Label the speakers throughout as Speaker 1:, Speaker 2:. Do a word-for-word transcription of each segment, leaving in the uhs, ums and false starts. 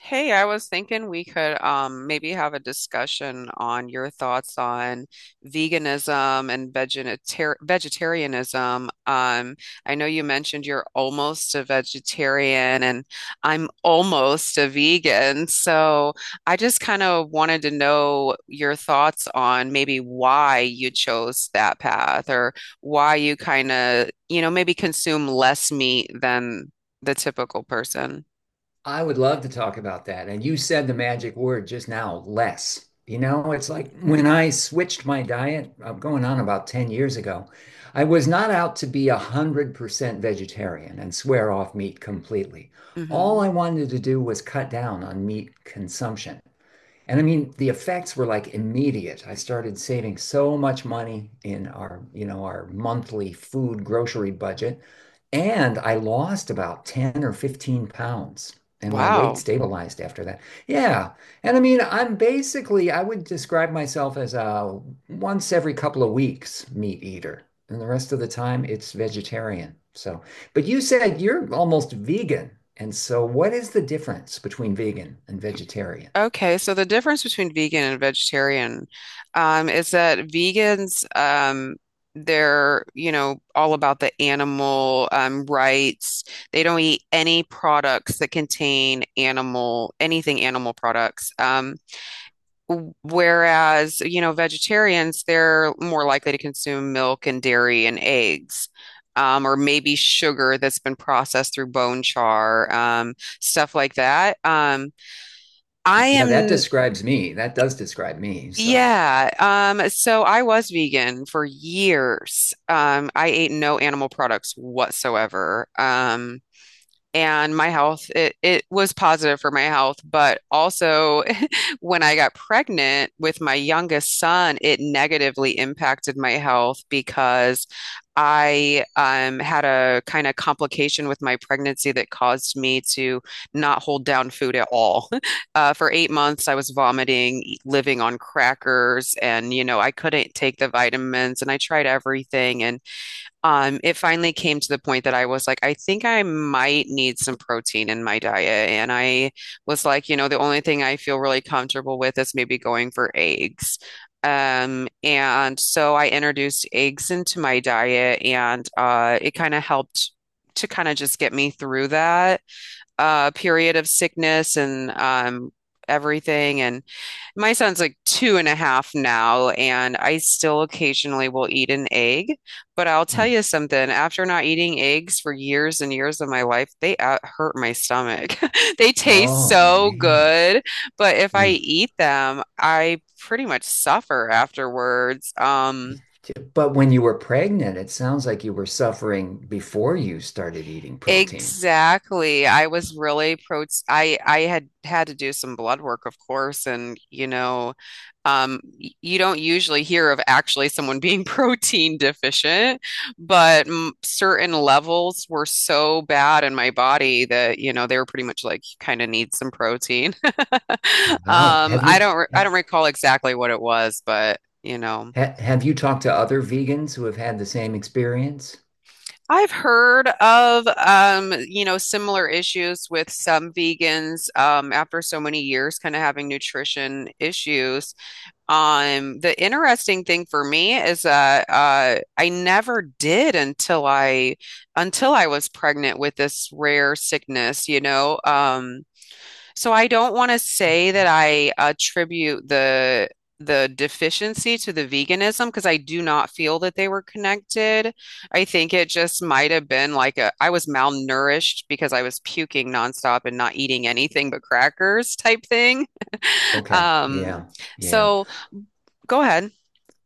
Speaker 1: Hey, I was thinking we could um, maybe have a discussion on your thoughts on veganism and vegetar vegetarianism. Um, I know you mentioned you're almost a vegetarian, and I'm almost a vegan. So I just kind of wanted to know your thoughts on maybe why you chose that path or why you kind of, you know, maybe consume less meat than the typical person.
Speaker 2: I would love to talk about that. And you said the magic word just now, less. You know, it's like when I switched my diet, I'm going on about ten years ago, I was not out to be one hundred percent vegetarian and swear off meat completely. All
Speaker 1: Hmm.
Speaker 2: I wanted to do was cut down on meat consumption. And I mean, the effects were like immediate. I started saving so much money in our, you know, our monthly food grocery budget. And I lost about ten or fifteen pounds. And my weight
Speaker 1: Wow.
Speaker 2: stabilized after that. Yeah. And I mean, I'm basically, I would describe myself as a once every couple of weeks meat eater. And the rest of the time, it's vegetarian. So, but you said you're almost vegan. And so, what is the difference between vegan and vegetarian?
Speaker 1: Okay, so the difference between vegan and vegetarian um, is that vegans, um, they're, you know, all about the animal um, rights. They don't eat any products that contain animal, anything animal products. Um, w- whereas, you know, vegetarians, they're more likely to consume milk and dairy and eggs. Um, or maybe sugar that's been processed through bone char, um, stuff like that. Um, I
Speaker 2: Yeah, that
Speaker 1: am.
Speaker 2: describes me. That does describe me. So,
Speaker 1: Yeah, um, so I was vegan for years. Um, I ate no animal products whatsoever. Um, and my health it, it was positive for my health but also when I got pregnant with my youngest son, it negatively impacted my health because I um, had a kind of complication with my pregnancy that caused me to not hold down food at all. Uh, for eight months I was vomiting, e- living on crackers, and you know, I couldn't take the vitamins and I tried everything. And um, it finally came to the point that I was like, I think I might need some protein in my diet. And I was like, you know, the only thing I feel really comfortable with is maybe going for eggs. Um, and so I introduced eggs into my diet, and uh, it kind of helped to kind of just get me through that uh, period of sickness and um, everything. And my son's like two and a half now, and I still occasionally will eat an egg. But I'll tell
Speaker 2: hmm.
Speaker 1: you something, after not eating eggs for years and years of my life, they uh, hurt my stomach. They taste
Speaker 2: Oh
Speaker 1: so
Speaker 2: man.
Speaker 1: good, but if I
Speaker 2: Yeah.
Speaker 1: eat them, I pretty much suffer afterwards. Um,
Speaker 2: But when you were pregnant, it sounds like you were suffering before you started eating protein.
Speaker 1: exactly. I was really pro I I had had to do some blood work, of course, and you know. Um, you don't usually hear of actually someone being protein deficient, but m certain levels were so bad in my body that, you know, they were pretty much like, you kind of need some protein.
Speaker 2: Wow.
Speaker 1: Um,
Speaker 2: Have
Speaker 1: I
Speaker 2: you
Speaker 1: don't re- I
Speaker 2: ha
Speaker 1: don't recall exactly what it was, but, you know,
Speaker 2: ha- have you talked to other vegans who have had the same experience?
Speaker 1: I've heard of um, you know, similar issues with some vegans um, after so many years kind of having nutrition issues. Um, the interesting thing for me is that uh, I never did until I until I was pregnant with this rare sickness, you know. Um, so I don't want to say that I attribute the the deficiency to the veganism because I do not feel that they were connected. I think it just might have been like a I was malnourished because I was puking nonstop and not eating anything but crackers type thing.
Speaker 2: Okay.
Speaker 1: Um,
Speaker 2: Yeah. Yeah.
Speaker 1: so. Go ahead.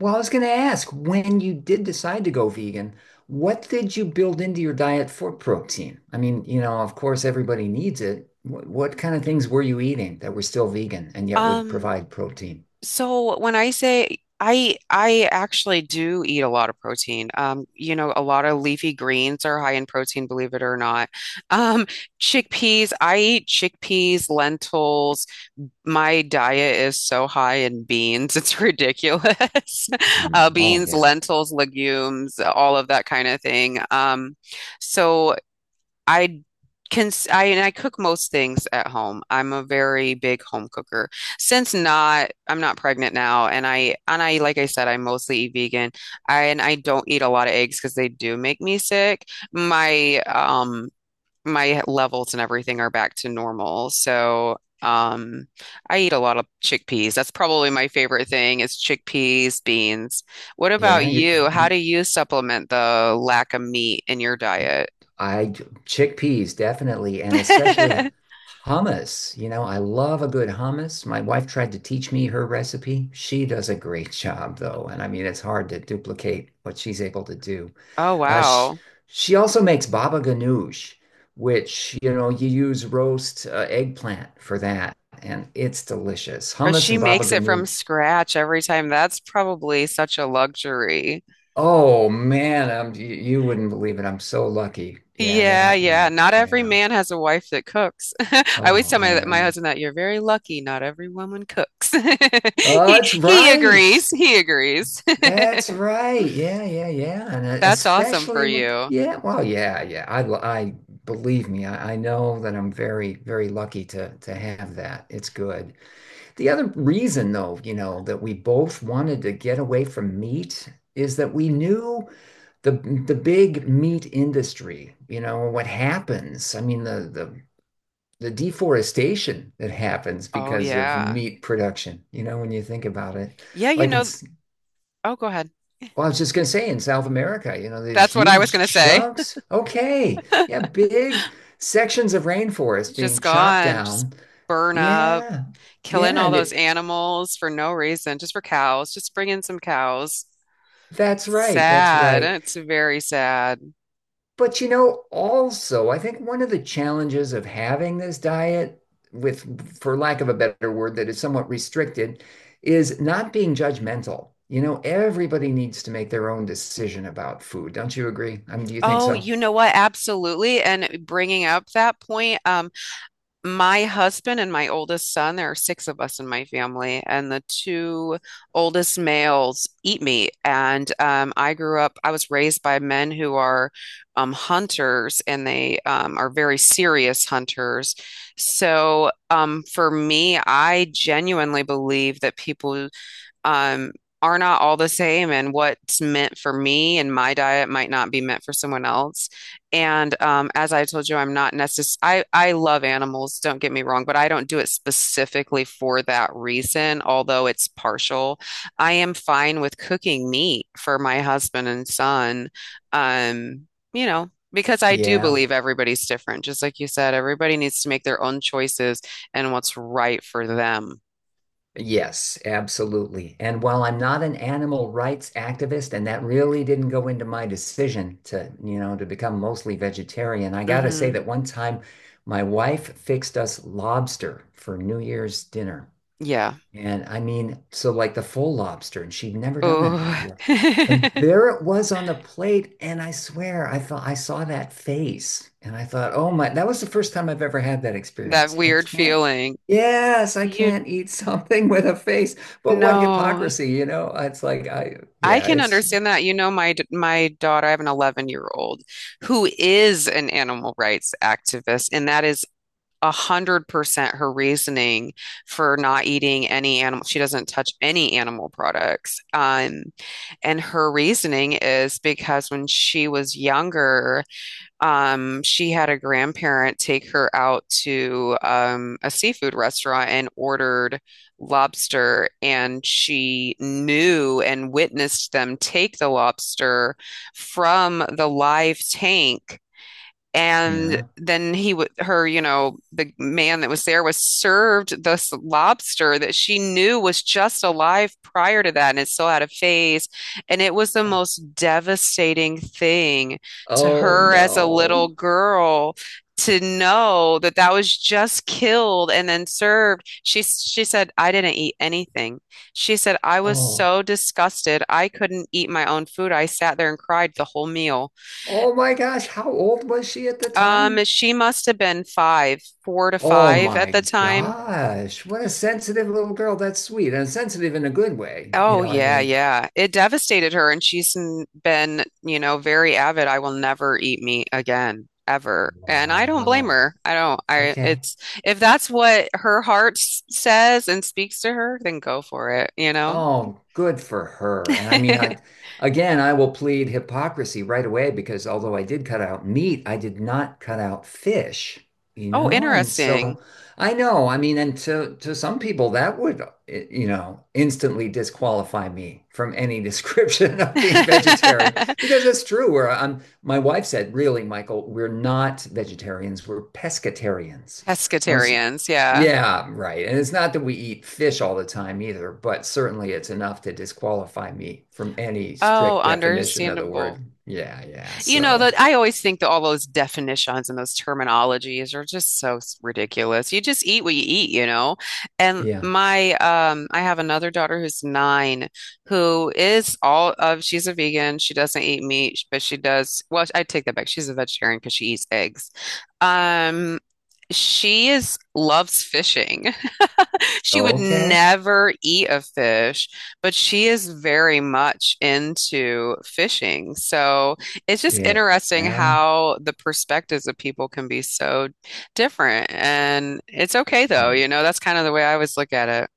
Speaker 2: Well, I was going to ask, when you did decide to go vegan, what did you build into your diet for protein? I mean, you know, of course, everybody needs it. What, what kind of things were you eating that were still vegan and yet would
Speaker 1: Um,
Speaker 2: provide protein?
Speaker 1: so when I say I I actually do eat a lot of protein. Um, you know, a lot of leafy greens are high in protein, believe it or not. Um, chickpeas, I eat chickpeas, lentils. My diet is so high in beans, it's ridiculous. Uh,
Speaker 2: Mm. Oh,
Speaker 1: beans,
Speaker 2: yeah.
Speaker 1: lentils, legumes, all of that kind of thing. Um, so I can I and I cook most things at home. I'm a very big home cooker. Since not I'm not pregnant now, and I and I like I said, I mostly eat vegan. I and I don't eat a lot of eggs because they do make me sick. My um my levels and everything are back to normal. So um I eat a lot of chickpeas. That's probably my favorite thing, is chickpeas, beans. What about
Speaker 2: Yeah, you,
Speaker 1: you? How
Speaker 2: you,
Speaker 1: do you supplement the lack of meat in your diet?
Speaker 2: I, chickpeas, definitely, and especially hummus. You know, I love a good hummus. My wife tried to teach me her recipe. She does a great job, though, and I mean, it's hard to duplicate what she's able to do.
Speaker 1: Oh,
Speaker 2: Uh, she,
Speaker 1: wow.
Speaker 2: she also makes baba ganoush, which, you know, you use roast uh, eggplant for that, and it's delicious.
Speaker 1: Or
Speaker 2: Hummus
Speaker 1: she
Speaker 2: and baba
Speaker 1: makes it from
Speaker 2: ganoush.
Speaker 1: scratch every time. That's probably such a luxury.
Speaker 2: Oh man, I'm, you, you wouldn't believe it. I'm so lucky. Yeah,
Speaker 1: Yeah,
Speaker 2: that
Speaker 1: yeah.
Speaker 2: and
Speaker 1: Not every
Speaker 2: yeah.
Speaker 1: man has a wife that cooks. I always
Speaker 2: Oh,
Speaker 1: tell
Speaker 2: I
Speaker 1: my my
Speaker 2: know.
Speaker 1: husband that you're very lucky. Not every woman cooks.
Speaker 2: Oh,
Speaker 1: He
Speaker 2: that's
Speaker 1: he
Speaker 2: right.
Speaker 1: agrees. He agrees.
Speaker 2: That's right. Yeah, yeah, yeah. And uh,
Speaker 1: That's awesome for
Speaker 2: especially with,
Speaker 1: you.
Speaker 2: yeah, well, yeah, yeah. I, l- I believe me, I, I know that I'm very, very lucky to to have that. It's good. The other reason, though, you know, that we both wanted to get away from meat is that we knew the the big meat industry, you know, what happens. I mean, the the the deforestation that happens
Speaker 1: Oh
Speaker 2: because of
Speaker 1: yeah.
Speaker 2: meat production, you know, when you think about it.
Speaker 1: Yeah, you
Speaker 2: Like in
Speaker 1: know, oh, go ahead.
Speaker 2: well, I was just gonna say in South America, you know, these
Speaker 1: That's what I was
Speaker 2: huge
Speaker 1: gonna say.
Speaker 2: chunks. Okay. Yeah, big sections of rainforest
Speaker 1: It's
Speaker 2: being
Speaker 1: just
Speaker 2: chopped
Speaker 1: gone, just
Speaker 2: down.
Speaker 1: burn up,
Speaker 2: Yeah.
Speaker 1: killing
Speaker 2: Yeah,
Speaker 1: all
Speaker 2: and
Speaker 1: those
Speaker 2: it
Speaker 1: animals for no reason, just for cows, just bring in some cows.
Speaker 2: that's right. That's
Speaker 1: Sad.
Speaker 2: right.
Speaker 1: It's very sad.
Speaker 2: But you know, also, I think one of the challenges of having this diet with, for lack of a better word, that is somewhat restricted, is not being judgmental. You know, everybody needs to make their own decision about food. Don't you agree? I mean, do you think
Speaker 1: Oh,
Speaker 2: so?
Speaker 1: you know what? Absolutely. And bringing up that point, um, my husband and my oldest son, there are six of us in my family, and the two oldest males eat meat. And um, I grew up, I was raised by men who are um, hunters, and they um, are very serious hunters. So um, for me, I genuinely believe that people. um, are not all the same, and what's meant for me and my diet might not be meant for someone else. And um, as I told you, I'm not necess- I I love animals, don't get me wrong, but I don't do it specifically for that reason, although it's partial. I am fine with cooking meat for my husband and son. Um, you know, because I do
Speaker 2: Yeah.
Speaker 1: believe everybody's different. Just like you said, everybody needs to make their own choices and what's right for them.
Speaker 2: Yes, absolutely. And while I'm not an animal rights activist, and that really didn't go into my decision to, you know, to become mostly vegetarian, I gotta say that
Speaker 1: Hmm.
Speaker 2: one time my wife fixed us lobster for New Year's dinner.
Speaker 1: Yeah.
Speaker 2: And I mean, so like the full lobster, and she'd never done that
Speaker 1: Oh,
Speaker 2: before. And there it was on the plate, and I swear I thought I saw that face, and I thought, oh my, that was the first time I've ever had that
Speaker 1: that
Speaker 2: experience. I
Speaker 1: weird
Speaker 2: can't,
Speaker 1: feeling.
Speaker 2: yes, I
Speaker 1: You
Speaker 2: can't eat something with a face, but what
Speaker 1: know,
Speaker 2: hypocrisy, you know? It's like I,
Speaker 1: I
Speaker 2: yeah,
Speaker 1: can
Speaker 2: it's
Speaker 1: understand that. You know, my d- my daughter, I have an eleven year old who is an animal rights activist, and that is a hundred percent her reasoning for not eating any animal. She doesn't touch any animal products. Um, and her reasoning is because when she was younger, um, she had a grandparent take her out to um, a seafood restaurant and ordered lobster, and she knew and witnessed them take the lobster from the live tank. And
Speaker 2: yeah.
Speaker 1: then he would her you know, the man that was there was served this lobster that she knew was just alive prior to that, and it still had a face. And it was the most devastating thing to
Speaker 2: Oh
Speaker 1: her as a little
Speaker 2: no.
Speaker 1: girl, to know that that was just killed and then served. She she said, I didn't eat anything. She said, I was
Speaker 2: Oh,
Speaker 1: so disgusted I couldn't eat my own food. I sat there and cried the whole meal.
Speaker 2: oh my gosh, how old was she at the
Speaker 1: Um,
Speaker 2: time?
Speaker 1: she must have been five, four to
Speaker 2: Oh
Speaker 1: five at
Speaker 2: my
Speaker 1: the time.
Speaker 2: gosh. What a sensitive little girl. That's sweet and sensitive in a good way. You
Speaker 1: Oh
Speaker 2: know, I
Speaker 1: yeah,
Speaker 2: mean,
Speaker 1: yeah. It devastated her, and she's n- been, you know, very avid. I will never eat meat again, ever. And I don't blame
Speaker 2: wow.
Speaker 1: her. I don't. I
Speaker 2: Okay.
Speaker 1: It's if that's what her heart s- says and speaks to her, then go for it, you know?
Speaker 2: Oh, good for her. And I mean, I again, I will plead hypocrisy right away because although I did cut out meat, I did not cut out fish, you
Speaker 1: Oh,
Speaker 2: know? And so
Speaker 1: interesting.
Speaker 2: I know, I mean, and to to some people that would, eh, you know, instantly disqualify me from any description of being vegetarian because it's true. Where I'm, my wife said, really, Michael, we're not vegetarians, we're pescatarians. Now, it's
Speaker 1: Pescatarians, yeah.
Speaker 2: yeah, right. And it's not that we eat fish all the time either, but certainly it's enough to disqualify me from any
Speaker 1: Oh,
Speaker 2: strict definition of the
Speaker 1: understandable.
Speaker 2: word. Yeah, yeah.
Speaker 1: You know,
Speaker 2: So,
Speaker 1: that I always think that all those definitions and those terminologies are just so ridiculous. You just eat what you eat, you know. And
Speaker 2: yeah.
Speaker 1: my um I have another daughter who's nine who is all of she's a vegan. She doesn't eat meat, but she does well, I take that back. She's a vegetarian because she eats eggs. Um she is loves fishing. She would
Speaker 2: Okay.
Speaker 1: never eat a fish, but she is very much into fishing. So it's just
Speaker 2: Yeah.
Speaker 1: interesting
Speaker 2: Yeah.
Speaker 1: how the perspectives of people can be so different. And it's okay
Speaker 2: Oh,
Speaker 1: though, you
Speaker 2: yeah.
Speaker 1: know, that's kind of the way I always look at it.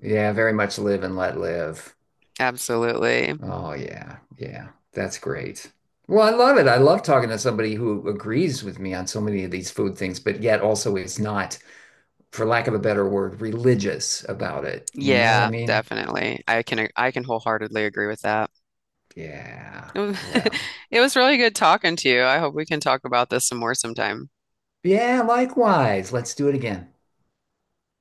Speaker 2: Yeah, very much live and let live.
Speaker 1: Absolutely.
Speaker 2: Oh, yeah. Yeah. That's great. Well, I love it. I love talking to somebody who agrees with me on so many of these food things, but yet also is not, for lack of a better word, religious about it. You know what I
Speaker 1: Yeah,
Speaker 2: mean?
Speaker 1: definitely. I can I can wholeheartedly agree with that.
Speaker 2: Yeah. Well.
Speaker 1: It was really good talking to you. I hope we can talk about this some more sometime.
Speaker 2: Yeah, likewise. Let's do it again.